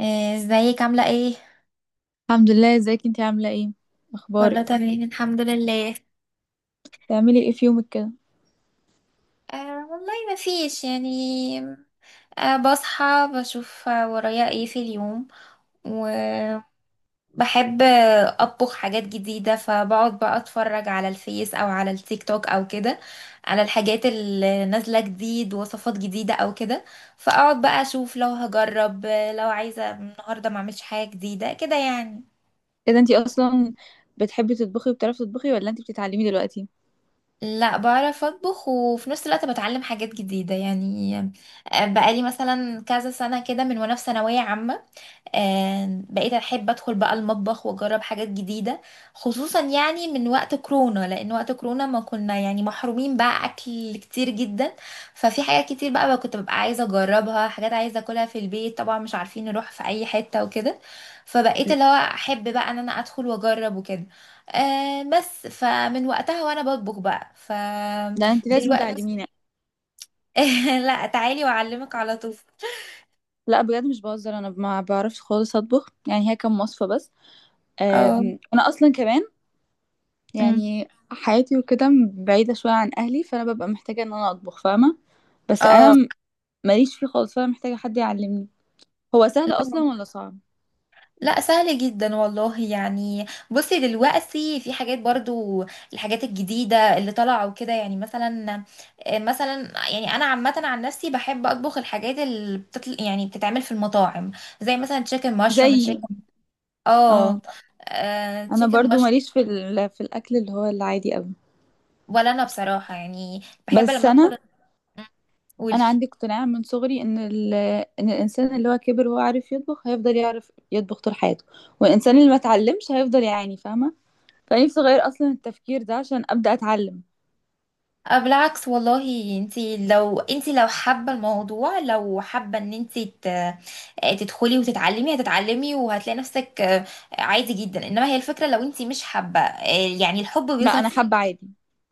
آه، ازيك عاملة ايه؟ الحمد لله، ازيك انتي؟ عاملة ايه؟ كله اخبارك؟ تمام، الحمد لله. بتعملي ايه في يومك كده؟ آه والله ما فيش يعني. آه بصحى، بشوف ورايا ايه في اليوم، وبحب اطبخ حاجات جديدة. فبقعد بقى اتفرج على الفيس او على التيك توك او كده، على الحاجات اللي نازلة جديد، وصفات جديدة او كده. فاقعد بقى اشوف لو هجرب، لو عايزة النهاردة ما اعملش حاجة جديدة كده يعني. ايه ده؟ انتي اصلا بتحبي تطبخي وبتعرفي تطبخي ولا انتي بتتعلمي دلوقتي؟ لا بعرف اطبخ، وفي نفس الوقت بتعلم حاجات جديدة يعني. آه، بقالي مثلا كذا سنة كده من وانا في ثانوية عامة، آه، بقيت احب ادخل بقى المطبخ واجرب حاجات جديده. خصوصا يعني من وقت كورونا، لان وقت كورونا ما كنا يعني محرومين بقى، اكل كتير جدا ففي حاجات كتير بقى كنت ببقى عايزه اجربها، حاجات عايزه اكلها في البيت طبعا، مش عارفين نروح في اي حته وكده. فبقيت اللي هو احب بقى ان انا ادخل واجرب وكده. آه بس، فمن وقتها وانا بطبخ بقى ف لا انتي لازم دلوقتي. تعلميني. لا تعالي واعلمك على طول. لا بجد مش بهزر، انا ما بعرفش خالص اطبخ، يعني هي كام وصفة بس. اه. انا اصلا كمان أمم. يعني حياتي وكده بعيدة شوية عن اهلي، فانا ببقى محتاجة ان انا اطبخ، فاهمة؟ بس اه. ماليش فيه خالص، فانا محتاجة حد يعلمني. هو سهل اصلا ولا صعب؟ لا، سهل جدا والله يعني. بصي دلوقتي في حاجات برضو، الحاجات الجديدة اللي طالعة وكده. يعني مثلا، مثلا، يعني انا عامة عن نفسي بحب اطبخ الحاجات اللي بتطل، يعني بتتعمل في المطاعم، زي مثلا تشيكن مشروم، زيي. تشيكن. اه اه. انا تشيكن برضو مشروم. ماليش في الاكل اللي هو العادي قوي. ولا انا بصراحة يعني بحب بس لما انا ادخل. قولي. انا عندي اقتناع من صغري ان ان الانسان اللي هو كبر وهو عارف يطبخ هيفضل يعرف يطبخ طول حياته، والانسان اللي ما اتعلمش هيفضل يعاني، فاهمه؟ فنفسي اغير اصلا التفكير ده عشان ابدا اتعلم. أه، بالعكس والله. انتي لو انتي لو حابة الموضوع، لو حابة ان انتي تدخلي وتتعلمي، هتتعلمي وهتلاقي نفسك عادي جدا. انما هي الفكرة، لو انتي مش حابة، يعني الحب لا بيظهر انا في. حابه عادي،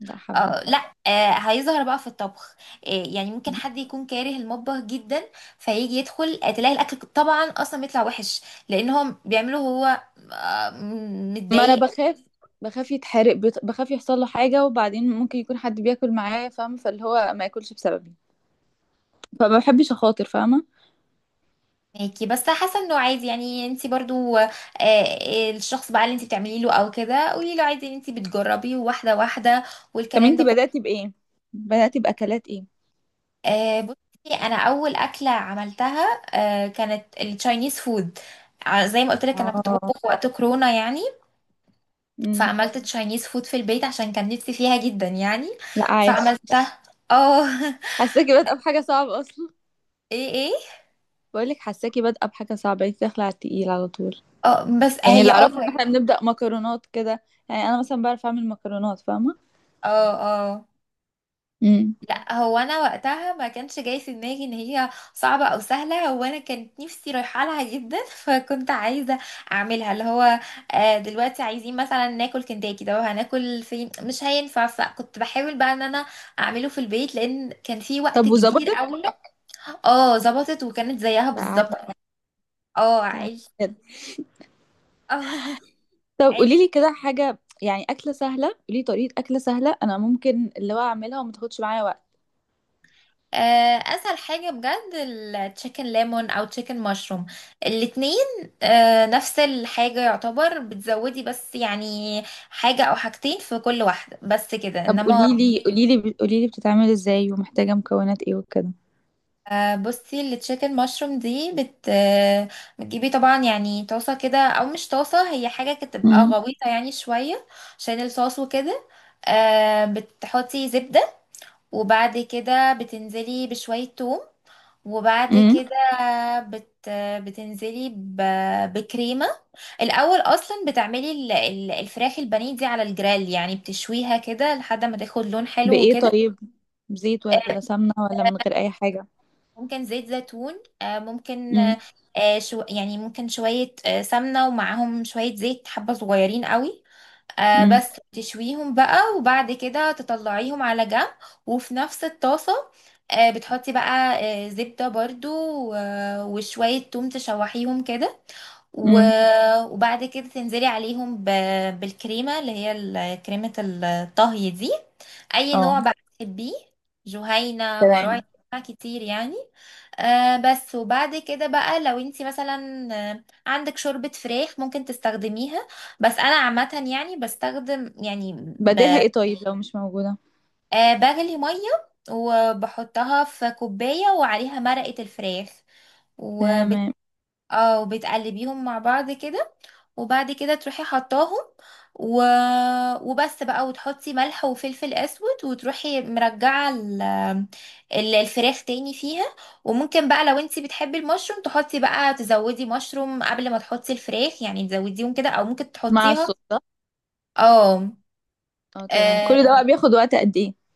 لا حابه. لا، هيظهر بقى في الطبخ. آه، يعني ممكن حد يكون كاره المطبخ جدا، فيجي يدخل، تلاقي الاكل طبعا اصلا بيطلع وحش، لان هو بيعمله هو، ما انا متضايق. بخاف، بخاف يتحرق، بخاف يحصل له حاجه، وبعدين ممكن يكون حد بياكل معاه، فاهمه؟ فاللي هو ما ياكلش بسببي، فما بحبش اخاطر، فاهمه؟ ماكي، بس حاسه انه عادي يعني. انت برضو، الشخص بقى اللي انت بتعملي له او كده، قولي له عادي ان انت بتجربي واحده واحده طب والكلام ده انتي كله. بداتي بايه؟ بداتي باكلات ايه؟ آه، بصي. انا اول اكله عملتها كانت التشاينيز فود. زي ما قلت لك، انا كنت اه. بطبخ وقت كورونا يعني. امم. فعملت تشاينيز فود في البيت عشان كان نفسي فيها جدا يعني. لا عايش. فعملتها. اه. حاساكي بادئه بحاجه صعبه اصلا. ايه، ايه. بقولك حاساكي بادئه بحاجه صعبه، انت داخله على التقيل على طول. اه بس يعني هي اللي اعرفه ان احنا بنبدا مكرونات كده، يعني انا مثلا بعرف اعمل مكرونات، فاهمه؟ اه. اه. امم. لا، هو انا وقتها ما كانش جاي في دماغي ان هي صعبه او سهله. هو انا كانت نفسي رايحه لها جدا. فكنت عايزه اعملها، اللي هو دلوقتي عايزين مثلا ناكل كنتاكي، ده هناكل فين؟ مش هينفع. فكنت بحاول بقى ان انا اعمله في البيت، لان كان في وقت طب كبير وظبطت؟ قوي. اه، ظبطت، وكانت زيها لا عادي. بالظبط. اه، لا عادي، عيش. بجد. اه. طب قولي عيش. لي كده حاجه، يعني اكله سهله، قولي لي طريقه اكله سهله انا ممكن اللي هو اعملها وما تاخدش معايا وقت. آه، اسهل حاجه بجد التشيكن ليمون او تشيكن مشروم، الاتنين. آه، نفس الحاجه يعتبر، بتزودي بس يعني حاجه او حاجتين في كل واحده بس كده، طب انما. قولي لي بتتعمل ازاي ومحتاجه مكونات ايه وكده. بصي التشيكن مشروم دي بت آه، بتجيبي طبعا يعني طاسه كده، او مش طاسه، هي حاجه كده تبقى امم. غويطه يعني شويه عشان الصوص وكده. آه، بتحطي زبده، وبعد كده بتنزلي بشوية توم، وبعد امم. كده بت بتنزلي ب... بكريمة. الأول أصلا بتعملي الفراخ البانيه دي على الجريل، يعني بتشويها كده لحد ما تاخد لون حلو بايه وكده. طيب؟ زيت ولا سمنه ولا من غير اي حاجه؟ ممكن زيت زيتون، ممكن امم. شو يعني ممكن شوية سمنة، ومعاهم شوية زيت، حبة صغيرين قوي. آه امم. بس، تشويهم بقى وبعد كده تطلعيهم على جنب. وفي نفس الطاسة آه بتحطي بقى آه زبدة برضو، وشوية توم تشوحيهم كده، امم. وبعد كده تنزلي عليهم بالكريمة، اللي هي كريمة الطهي دي. أي اه نوع بقى تحبيه، جهينة، مراعي، تمام. أنواع كتير يعني. آه بس. وبعد كده بقى لو انتي مثلا عندك شوربة فراخ ممكن تستخدميها. بس أنا عامة يعني بستخدم يعني، بديلها ب- ايه طيب لو مش موجودة؟ آه، بغلي مية وبحطها في كوباية وعليها مرقة الفراخ. تمام. اه، وبتقلبيهم مع بعض كده، وبعد كده تروحي حطاهم، و... وبس بقى. وتحطي ملح وفلفل اسود، وتروحي مرجعه ال... الفراخ تاني فيها. وممكن بقى لو انتي بتحبي المشروم تحطي بقى، تزودي مشروم قبل ما تحطي الفراخ يعني، تزوديهم كده، او ممكن مع تحطيها. الصوص ده؟ اه. اه تمام. كل ده آه، بقى بياخد وقت قد ايه؟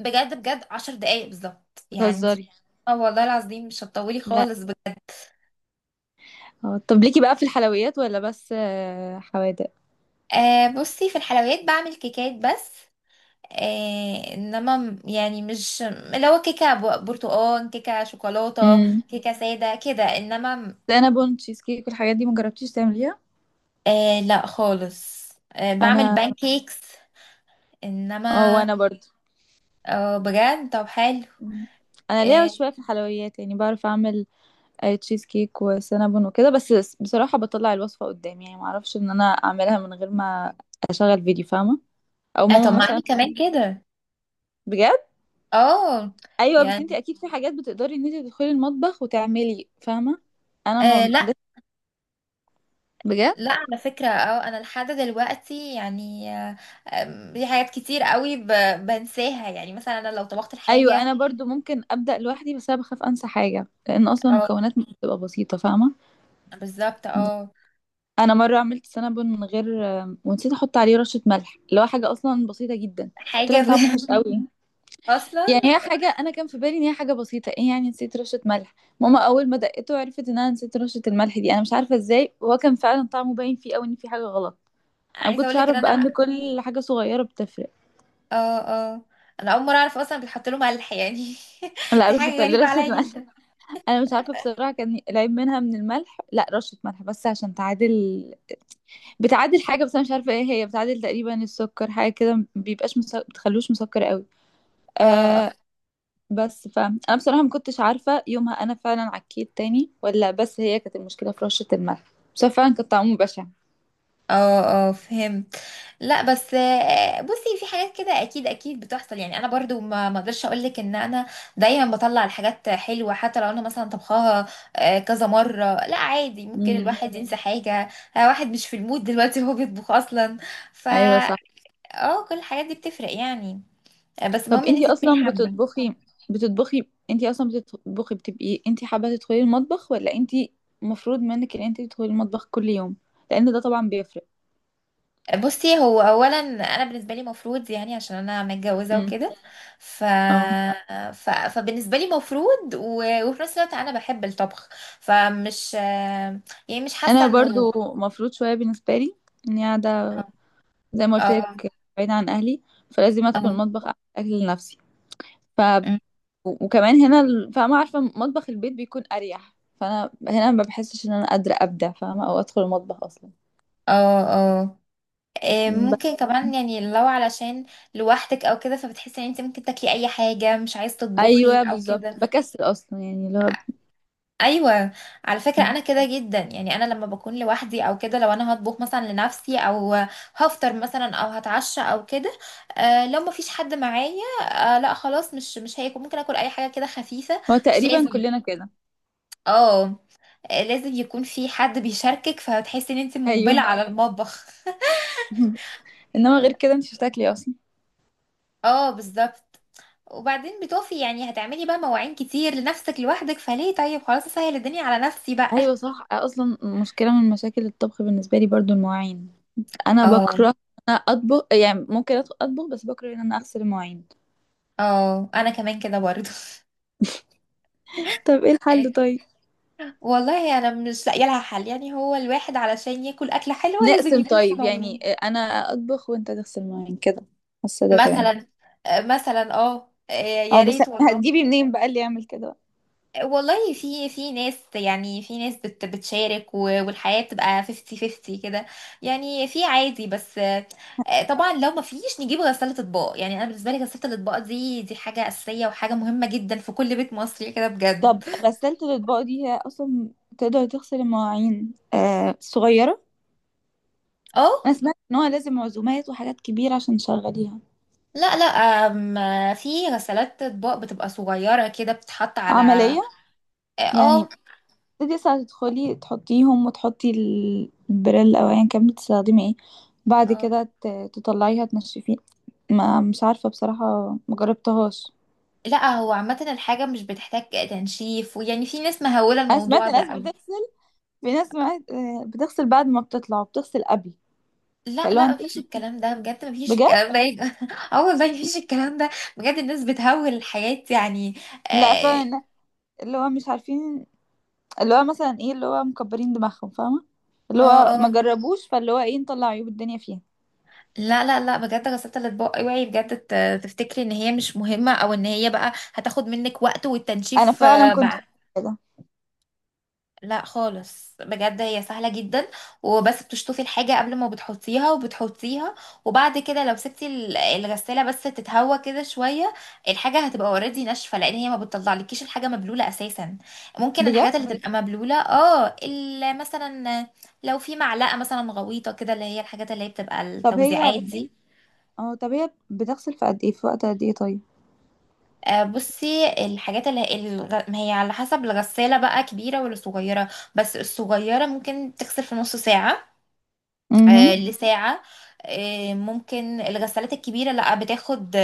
بجد بجد عشر دقايق بالظبط يعني انتي. بتهزري. اه والله العظيم، مش هتطولي لا. خالص بجد. اه طب ليكي بقى في الحلويات ولا بس حوادق؟ آه، بصي في الحلويات بعمل كيكات بس. إيه انما م- يعني مش اللي هو كيكه برتقال، كيكه شوكولاته، امم. كيكه ساده كده، انما م-. سينابون، تشيز كيك، والحاجات دي مجربتيش تعمليها؟ إيه لا خالص. إيه بعمل انا. بانكيكس، اه انما. وانا برضو. اه بجد، طب حلو. مم. انا ليا إيه. شويه في الحلويات، يعني بعرف اعمل تشيز كيك وسينابون وكده بس. بصراحه بطلع الوصفه قدامي، يعني ما اعرفش ان انا اعملها من غير ما اشغل فيديو، فاهمه؟ او آه، طب ماما ما انا مثلا تكون-. كمان كده. بجد؟ اه. ايوه، بس انت يعني اكيد في حاجات بتقدري ان انت تدخلي المطبخ وتعملي، فاهمه؟ انا آه ما لا، لسه. بجد. لا على فكرة، اه، انا لحد دلوقتي يعني آه، آم، في حاجات كتير قوي بنساها. يعني مثلا انا لو طبخت ايوه الحاجة. انا برضو ممكن ابدا لوحدي، بس انا بخاف انسى حاجه، لان اصلا اه المكونات مش بتبقى بسيطه، فاهمه؟ بالظبط، بس اه. انا مره عملت سنابون من غير، ونسيت احط عليه رشه ملح، اللي هو حاجه اصلا بسيطه جدا. طلع حاجة. طعمه وحش بجد قوي. اصلا يعني هي حاجه انا كان في بالي ان هي حاجه بسيطه، ايه يعني نسيت رشه ملح؟ ماما اول ما دقته عرفت ان انا نسيت رشه الملح دي، انا مش عارفه ازاي، وهو كان فعلا طعمه باين فيه قوي ان في حاجه غلط. انا ما عايزه اقول كنتش لك ان اعرف بقى انا. ان كل حاجه صغيره بتفرق. اه، اه. انا اول مره اعرف اصلا بيتحط لهم ملح يعني. لا دي بتحط حاجه غريبه رشة عليا ملح. جدا. انا مش عارفة بصراحة، كان العيب منها من الملح، لا رشة ملح بس عشان تعادل، بتعادل حاجة، بس انا مش عارفة ايه هي، بتعادل تقريبا السكر، حاجة كده ما بتخلوش مسكر قوي. اه. آه اه. بس فانا بصراحة ما كنتش عارفة يومها انا فعلا عكيت تاني، ولا بس هي كانت المشكلة في رشة الملح. بس هو فعلا كان طعمه بشع. اه. آه. فهمت. لا بس بصي في حاجات كده اكيد اكيد بتحصل يعني. انا برضو ما اقدرش اقول لك ان انا دايما بطلع الحاجات حلوه، حتى لو انا مثلا طبخاها كذا مره. لا عادي، ممكن امم. الواحد ينسى حاجه، واحد مش في المود دلوقتي وهو بيطبخ اصلا. فا. ايوه صح. اه، كل الحاجات دي بتفرق يعني. آه، بس طب المهم ان انت انتي تكوني اصلا حابه. بتطبخي، بتطبخي انتي اصلا بتطبخي بتبقي انتي حابة تدخلي المطبخ ولا انتي مفروض منك ان انتي تدخلي المطبخ كل يوم؟ لان ده طبعا بيفرق. بصي، هو اولا انا بالنسبه لي مفروض، يعني عشان انا متجوزه امم. وكده ف... اه ف... فبالنسبه لي مفروض، و... وفي نفس الوقت انا بحب الطبخ. فمش يعني مش حاسه انا انه. برضو مفروض شوية بالنسبة لي، اني قاعدة، زي ما قلت اه. لك، بعيدة عن اهلي، فلازم ادخل اه. المطبخ اعمل اكل لنفسي. ف. أمم. وكمان هنا فاهمة؟ عارفة مطبخ البيت بيكون اريح، فانا هنا ما بحسش ان انا قادرة ابدع، فاهمة؟ او ادخل المطبخ اصلا. اه. اه. إيه، ممكن بس. كمان يعني، لو علشان لوحدك او كده، فبتحسي ان انت ممكن تاكلي اي حاجه، مش عايز تطبخي ايوه او كده. بالظبط، بكسل اصلا، يعني لو. ايوه. على فكره مم. انا كده جدا، يعني انا لما بكون لوحدي او كده، لو انا هطبخ مثلا لنفسي، او هفطر مثلا، او هتعشى او كده، لو ما فيش حد معايا، آه لا خلاص، مش هيكون، ممكن اكل اي حاجه كده خفيفه، هو مش تقريبا لازم. كلنا كده. اه. آه، لازم يكون في حد بيشاركك، فهتحسي ان انت مقبله ايوه. على المطبخ. انما غير كده انت بتاكلي اصلا. اه بالظبط. وبعدين بتقفي يعني، هتعملي بقى مواعين كتير لنفسك لوحدك، فليه؟ طيب خلاص، اسهل الدنيا على نفسي بقى. ايوه صح، اصلا مشكله من مشاكل الطبخ بالنسبه لي برضو المواعين. انا اه. بكره إن انا اطبخ، يعني ممكن أدخل اطبخ بس بكره ان انا اغسل المواعين. اه انا كمان كده برضو. طب ايه الحل طيب؟ والله انا مش لاقيه لها حل يعني. هو الواحد علشان ياكل اكله حلوه، لازم نقسم يكون في طيب، يعني موضوع. انا اطبخ وانت تغسل المواعين كده، حاسه ده تمام. مثلا، مثلا، اه، اه يا بس ريت والله. هتجيبي منين بقى اللي يعمل كده بقى؟ والله في ناس، يعني في ناس بتشارك، والحياة بتبقى 50 50 كده يعني. في عادي، بس طبعا لو ما فيش نجيب غسالة اطباق يعني. انا بالنسبة لي غسالة الاطباق دي، حاجة أساسية وحاجة مهمة جدا في كل بيت مصري كده طب بجد. غسالة الاطباق دي هي اصلا تقدر تغسل المواعين صغيره؟ انا اه. سمعت ان هو لازم عزومات وحاجات كبيره عشان تشغليها. لا لا. أم، في غسالات اطباق بتبقى صغيرة كده بتتحط على. عملية يعني؟ اه. تبتدي ساعة تدخلي تحطيهم وتحطي البريل أو أيا كان بتستخدمي ايه، بعد اه، كده تطلعيها تنشفيه؟ ما مش عارفة بصراحة، مجربتهاش. لا هو عامة الحاجة مش بتحتاج تنشيف، ويعني في ناس مهولة أنا سمعت الموضوع ده ناس أوي. بتغسل، في ناس سمعت بتغسل بعد ما بتطلع وبتغسل قبل. لا فاللي هو لا، انت. مفيش الكلام ده بجد، مفيش بجد. الكلام ده يبقى. اه والله مفيش الكلام ده. بجد الناس بتهول الحياة يعني. لا اه. فعلا. اللي هو مش عارفين، اللي هو مثلا ايه، اللي هو مكبرين دماغهم، فاهمة؟ اللي اه. هو ما آه. جربوش، فاللي هو ايه، نطلع عيوب الدنيا فيها. لا لا لا بجد، غسالة الأطباق اوعي بجد تفتكري ان هي مش مهمة، او ان هي بقى هتاخد منك وقت أنا والتنشيف فعلا كنت بقى. فاكرة كده. لا خالص بجد، هي سهلة جدا. وبس بتشطفي الحاجة قبل ما بتحطيها وبتحطيها، وبعد كده لو سبتي الغسالة بس تتهوى كده شوية، الحاجة هتبقى اوريدي ناشفة، لان هي ما بتطلعلكيش الحاجة مبلولة اساسا. ممكن بجد. الحاجات اللي تبقى مبلولة، اه، مثلا لو في معلقة مثلا غويطة كده، اللي هي الحاجات اللي هي بتبقى طب هي، التوزيعات أو دي. اه طب هي بتغسل في قد ايه، في وقت قد ايه طيب؟ آه، بصي الحاجات اللي ما هي على حسب الغسالة بقى كبيرة ولا صغيرة. بس الصغيرة ممكن تغسل في نص ساعة، امم. لساعة. ممكن الغسالات الكبيرة لا،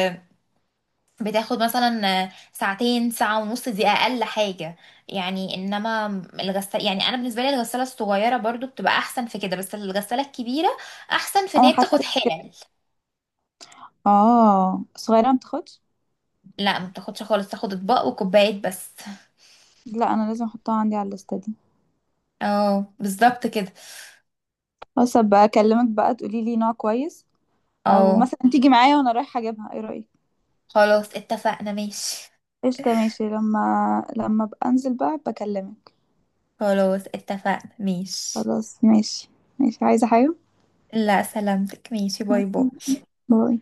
بتاخد مثلا ساعتين، ساعة ونص، دي أقل حاجة يعني، إنما. الغسالة، يعني أنا بالنسبة لي الغسالة الصغيرة برضو بتبقى أحسن في كده، بس الغسالة الكبيرة أحسن في إن انا هي بتاخد حسيت. حلل. اه صغيره ما بتاخدش. لا، ما بتاخدش خالص، تاخد أطباق وكوبايات بس. لا انا لازم احطها عندي على الليسته دي. اه بالظبط كده. بس ابقى اكلمك بقى تقولي لي نوع كويس، او اه. مثلا تيجي معايا وانا رايحه اجيبها، ايه رايك؟ خلاص اتفقنا، ماشي. قشطه، ماشي. لما، لما ابقى انزل بقى بكلمك. خلاص اتفقنا، ماشي. خلاص ماشي. ماشي، عايزه حاجه؟ لا سلامتك، ماشي، باي باي. باي.